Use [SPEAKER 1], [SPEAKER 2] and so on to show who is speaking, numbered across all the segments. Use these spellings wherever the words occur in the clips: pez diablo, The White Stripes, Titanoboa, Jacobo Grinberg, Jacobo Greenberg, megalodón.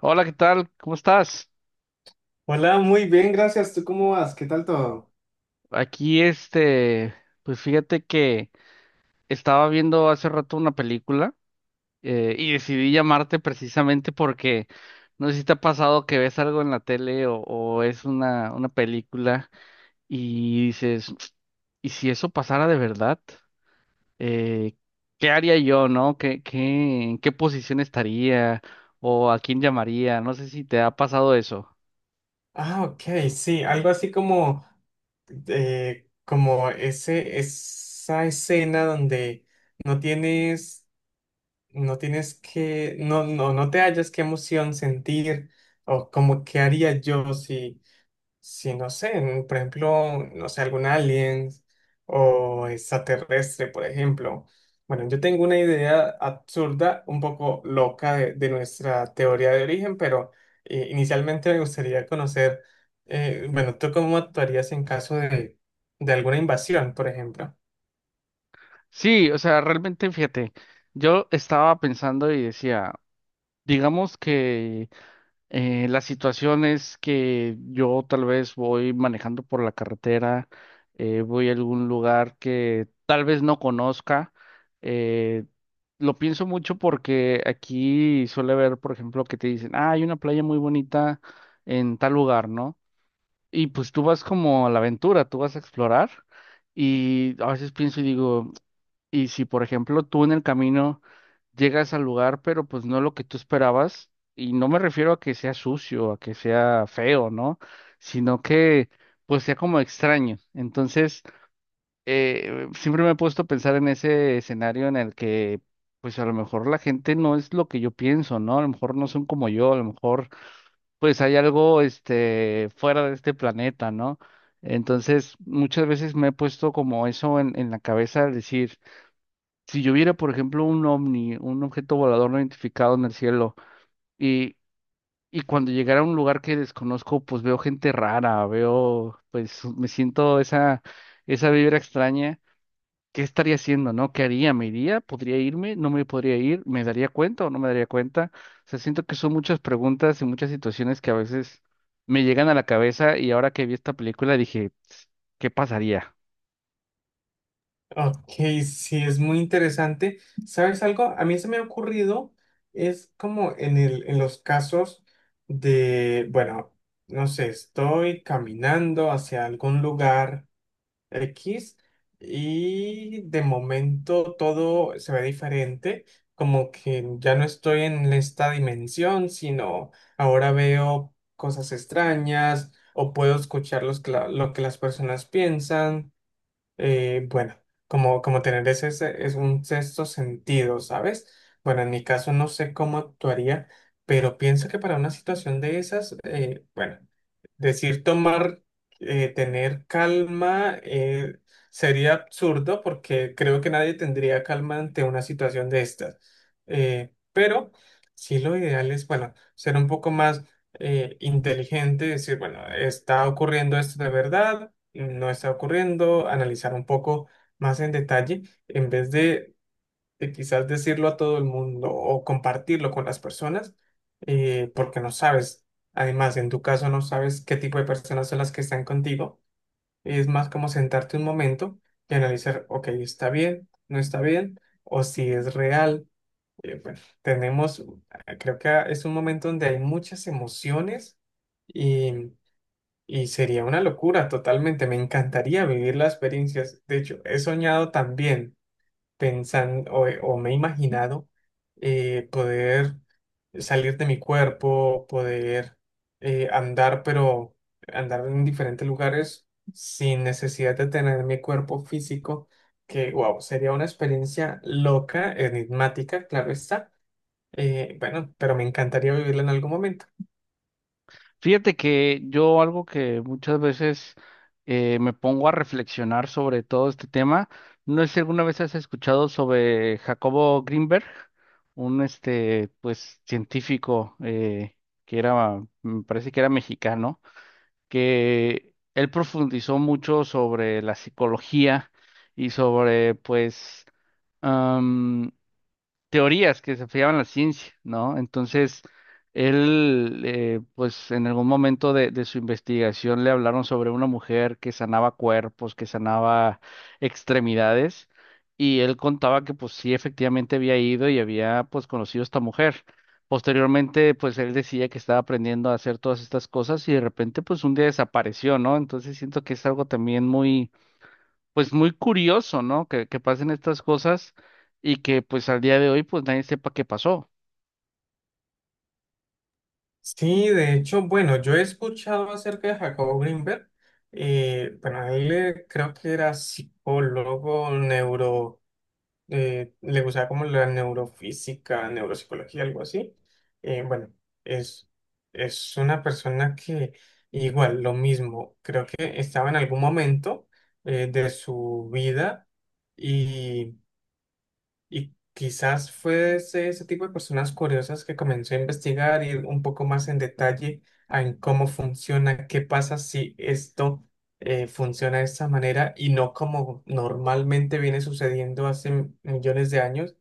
[SPEAKER 1] Hola, ¿qué tal? ¿Cómo estás?
[SPEAKER 2] Hola, muy bien, gracias. ¿Tú cómo vas? ¿Qué tal todo?
[SPEAKER 1] Aquí, pues fíjate que estaba viendo hace rato una película y decidí llamarte precisamente porque no sé si te ha pasado que ves algo en la tele o es una película y dices, ¿y si eso pasara de verdad? Eh, ¿Qué haría yo, no? ¿En qué posición estaría? ¿O a quién llamaría? No sé si te ha pasado eso.
[SPEAKER 2] Ah, ok, sí, algo así como, como esa escena donde no tienes, no tienes no, no, no te hallas qué emoción sentir o como qué haría yo si no sé, por ejemplo, no sé, algún alien o extraterrestre, por ejemplo. Bueno, yo tengo una idea absurda, un poco loca de nuestra teoría de origen, pero inicialmente me gustaría conocer, bueno, ¿tú cómo actuarías en caso de alguna invasión, por ejemplo?
[SPEAKER 1] Sí, o sea, realmente fíjate, yo estaba pensando y decía, digamos que las situaciones que yo tal vez voy manejando por la carretera, voy a algún lugar que tal vez no conozca, eh, lo pienso mucho porque aquí suele haber, por ejemplo, que te dicen, ah, hay una playa muy bonita en tal lugar, ¿no? Y pues tú vas como a la aventura, tú vas a explorar. Y a veces pienso y digo, y si, por ejemplo, tú en el camino llegas al lugar, pero pues no lo que tú esperabas, y no me refiero a que sea sucio, a que sea feo, ¿no? Sino que pues sea como extraño. Entonces, siempre me he puesto a pensar en ese escenario en el que pues a lo mejor la gente no es lo que yo pienso, ¿no? A lo mejor no son como yo, a lo mejor pues hay algo este fuera de este planeta, ¿no? Entonces, muchas veces me he puesto como eso en la cabeza al decir si yo viera, por ejemplo, un ovni, un objeto volador no identificado en el cielo, y, y cuando llegara a un lugar que desconozco, pues veo gente rara, veo, pues me siento esa, esa vibra extraña. ¿Qué estaría haciendo, no? ¿Qué haría? ¿Me iría? ¿Podría irme? ¿No me podría ir? ¿Me daría cuenta o no me daría cuenta? O sea, siento que son muchas preguntas y muchas situaciones que a veces me llegan a la cabeza y ahora que vi esta película dije, "Tss, ¿qué pasaría?"
[SPEAKER 2] Ok, sí, es muy interesante. ¿Sabes algo? A mí se me ha ocurrido, es como en en los casos de, bueno, no sé, estoy caminando hacia algún lugar X y de momento todo se ve diferente, como que ya no estoy en esta dimensión, sino ahora veo cosas extrañas o puedo escuchar los lo que las personas piensan. eh, bueno, como, como tener es un sexto sentido, ¿sabes? Bueno, en mi caso no sé cómo actuaría, pero pienso que para una situación de esas, bueno, decir tomar, tener calma, sería absurdo porque creo que nadie tendría calma ante una situación de estas. Pero sí lo ideal es, bueno, ser un poco más inteligente, decir, bueno, está ocurriendo esto de verdad no está ocurriendo, analizar un poco más en detalle, en vez de quizás decirlo a todo el mundo o compartirlo con las personas, porque no sabes, además en tu caso no sabes qué tipo de personas son las que están contigo, es más como sentarte un momento y analizar, ok, está bien, no está bien, o si es real. Bueno, tenemos, creo que es un momento donde hay muchas emociones. y y sería una locura totalmente, me encantaría vivir las experiencias. De hecho, he soñado también pensando o me he imaginado poder salir de mi cuerpo, poder andar, pero andar en diferentes lugares sin necesidad de tener mi cuerpo físico, que wow, sería una experiencia loca, enigmática, claro está. Bueno, pero me encantaría vivirla en algún momento.
[SPEAKER 1] Fíjate que yo algo que muchas veces me pongo a reflexionar sobre todo este tema, no sé si alguna vez has escuchado sobre Jacobo Greenberg, un este pues científico que era, me parece que era mexicano, que él profundizó mucho sobre la psicología y sobre pues teorías que se fiaban en la ciencia, ¿no? Entonces, él, pues en algún momento de su investigación le hablaron sobre una mujer que sanaba cuerpos, que sanaba extremidades, y él contaba que pues sí, efectivamente había ido y había pues conocido a esta mujer. Posteriormente, pues él decía que estaba aprendiendo a hacer todas estas cosas y de repente, pues un día desapareció, ¿no? Entonces siento que es algo también muy pues muy curioso, ¿no? Que pasen estas cosas y que pues al día de hoy pues nadie sepa qué pasó.
[SPEAKER 2] Sí, de hecho, bueno, yo he escuchado acerca de Jacobo Grinberg. Eh, bueno, él creo que era psicólogo, neuro, le gustaba como la neurofísica, neuropsicología, algo así. Eh, bueno, es, es una persona que igual, lo mismo, creo que estaba en algún momento de su vida y quizás fue ese tipo de personas curiosas que comenzó a investigar, ir un poco más en detalle a en cómo funciona, qué pasa si esto funciona de esta manera y no como normalmente viene sucediendo hace millones de años.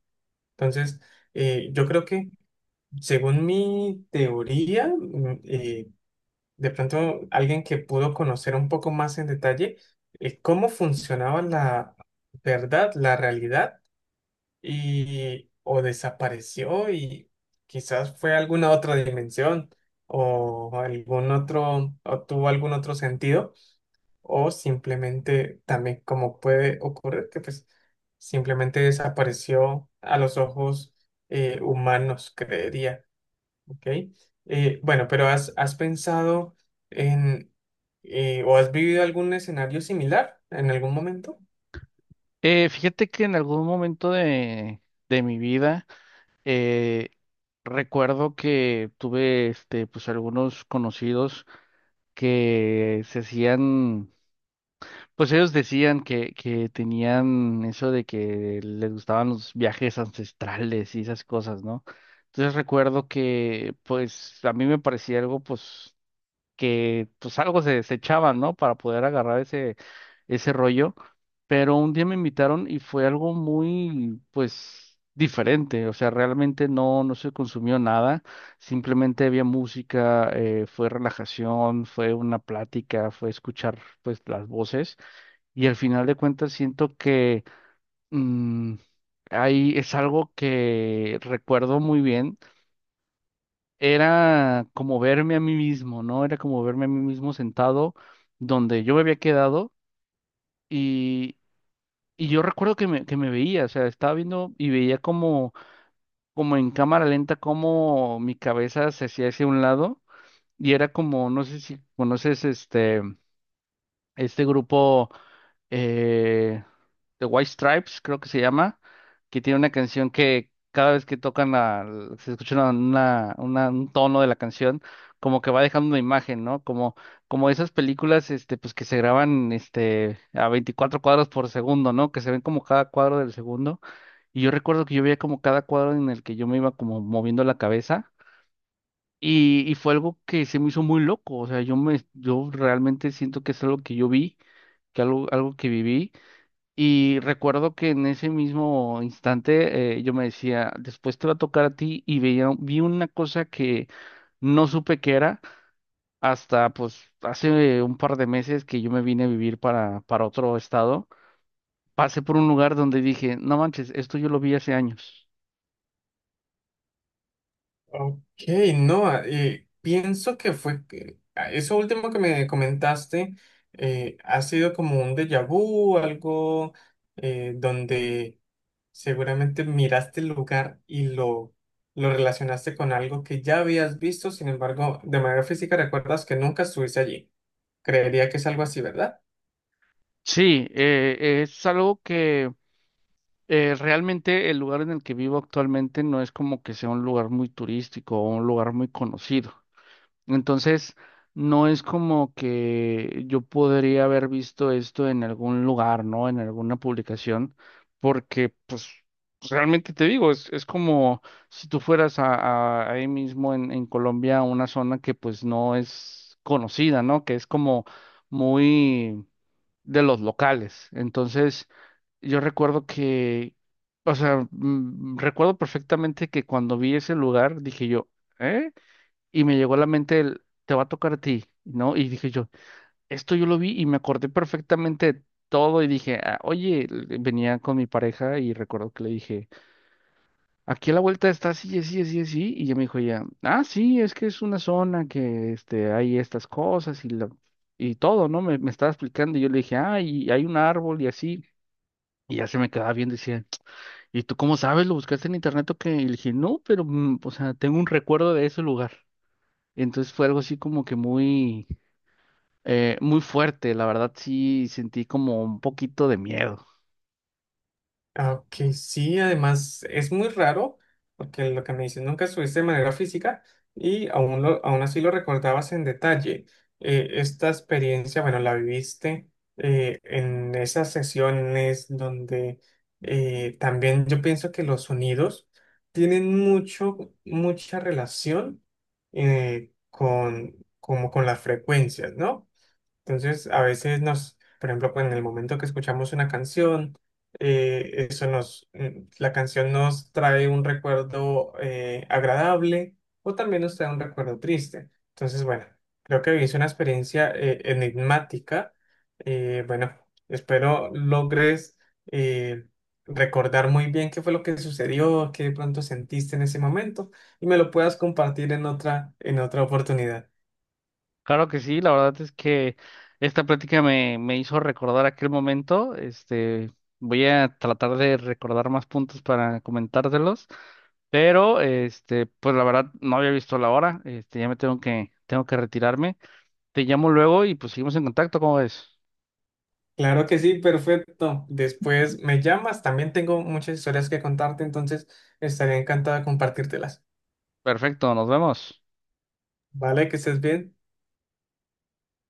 [SPEAKER 2] Entonces, yo creo que según mi teoría, de pronto alguien que pudo conocer un poco más en detalle cómo funcionaba la verdad, la realidad y o desapareció y quizás fue a alguna otra dimensión o algún otro o tuvo algún otro sentido o simplemente también como puede ocurrir que pues simplemente desapareció a los ojos humanos, creería, ¿ok? Has pensado en o has vivido algún escenario similar en algún momento?
[SPEAKER 1] Fíjate que en algún momento de mi vida eh, recuerdo que tuve este pues algunos conocidos que se hacían, pues ellos decían que tenían eso de que les gustaban los viajes ancestrales y esas cosas, ¿no? Entonces recuerdo que pues a mí me parecía algo pues que pues algo se echaban, ¿no? Para poder agarrar ese, ese rollo. Pero un día me invitaron y fue algo muy, pues, diferente. O sea, realmente no, no se consumió nada. Simplemente había música, fue relajación, fue una plática, fue escuchar, pues, las voces. Y al final de cuentas siento que mm, ahí es algo que recuerdo muy bien, era como verme a mí mismo, ¿no? Era como verme a mí mismo sentado donde yo me había quedado y, y yo recuerdo que me veía, o sea, estaba viendo y veía como, como en cámara lenta cómo mi cabeza se hacía hacia un lado y era como, no sé si conoces este grupo eh, The White Stripes, creo que se llama, que tiene una canción que cada vez que tocan la, se escucha una, un tono de la canción, como que va dejando una imagen, ¿no? Como, como esas películas, este, pues que se graban, este, a 24 cuadros por segundo, ¿no? Que se ven como cada cuadro del segundo. Y yo recuerdo que yo veía como cada cuadro en el que yo me iba como moviendo la cabeza. Y fue algo que se me hizo muy loco. O sea, yo me, yo realmente siento que es algo que yo vi, que algo, algo que viví. Y recuerdo que en ese mismo instante yo me decía, después te va a tocar a ti y veía, vi una cosa que no supe qué era hasta pues hace un par de meses que yo me vine a vivir para otro estado. Pasé por un lugar donde dije, no manches, esto yo lo vi hace años.
[SPEAKER 2] Ok, no, ah, pienso que eso último que me comentaste ha sido como un déjà vu, algo donde seguramente miraste el lugar y lo relacionaste con algo que ya habías visto, sin embargo, de manera física recuerdas que nunca estuviste allí. Creería que es algo así, ¿verdad?
[SPEAKER 1] Sí, es algo que realmente el lugar en el que vivo actualmente no es como que sea un lugar muy turístico o un lugar muy conocido. Entonces, no es como que yo podría haber visto esto en algún lugar, ¿no? En alguna publicación, porque pues realmente te digo, es como si tú fueras a, ahí mismo en Colombia, a una zona que pues no es conocida, ¿no? Que es como muy de los locales. Entonces, yo recuerdo que, o sea, recuerdo perfectamente que cuando vi ese lugar, dije yo, ¿eh? Y me llegó a la mente el, te va a tocar a ti, ¿no? Y dije yo, esto yo lo vi y me acordé perfectamente de todo y dije, "Ah, oye, venía con mi pareja y recuerdo que le dije, aquí a la vuelta está así, así, así, así, y ella me dijo ya, ah, sí, es que es una zona que este, hay estas cosas y, la, y todo, ¿no? Me estaba explicando y yo le dije, ah, y hay un árbol y así. Y ya se me quedaba bien, decía, ¿y tú cómo sabes? ¿Lo buscaste en internet o qué? Y le dije, no, pero, o sea, tengo un recuerdo de ese lugar. Entonces fue algo así como que muy, muy fuerte, la verdad sí sentí como un poquito de miedo.
[SPEAKER 2] Ah, ok, sí, además es muy raro, porque lo que me dices nunca estuviste de manera física y aún así lo recordabas en detalle. Esta experiencia, bueno, la viviste en esas sesiones donde también yo pienso que los sonidos tienen mucho, mucha relación con, como con las frecuencias, ¿no? Entonces, a veces nos, por ejemplo, pues, en el momento que escuchamos una canción, eso la canción nos trae un recuerdo agradable o también nos trae un recuerdo triste. Entonces, bueno, creo que vivís una experiencia enigmática. Bueno, espero logres eh, recordar muy bien qué fue lo que sucedió, qué de pronto sentiste en ese momento y me lo puedas compartir en otra oportunidad.
[SPEAKER 1] Claro que sí, la verdad es que esta plática me, me hizo recordar aquel momento. Este, voy a tratar de recordar más puntos para comentártelos, pero este, pues la verdad no había visto la hora. Este, ya me tengo que retirarme. Te llamo luego y pues seguimos en contacto, ¿cómo ves?
[SPEAKER 2] Claro que sí, perfecto. Después me llamas, también tengo muchas historias que contarte, entonces estaría encantado de compartírtelas.
[SPEAKER 1] Perfecto, nos vemos.
[SPEAKER 2] Vale, que estés bien.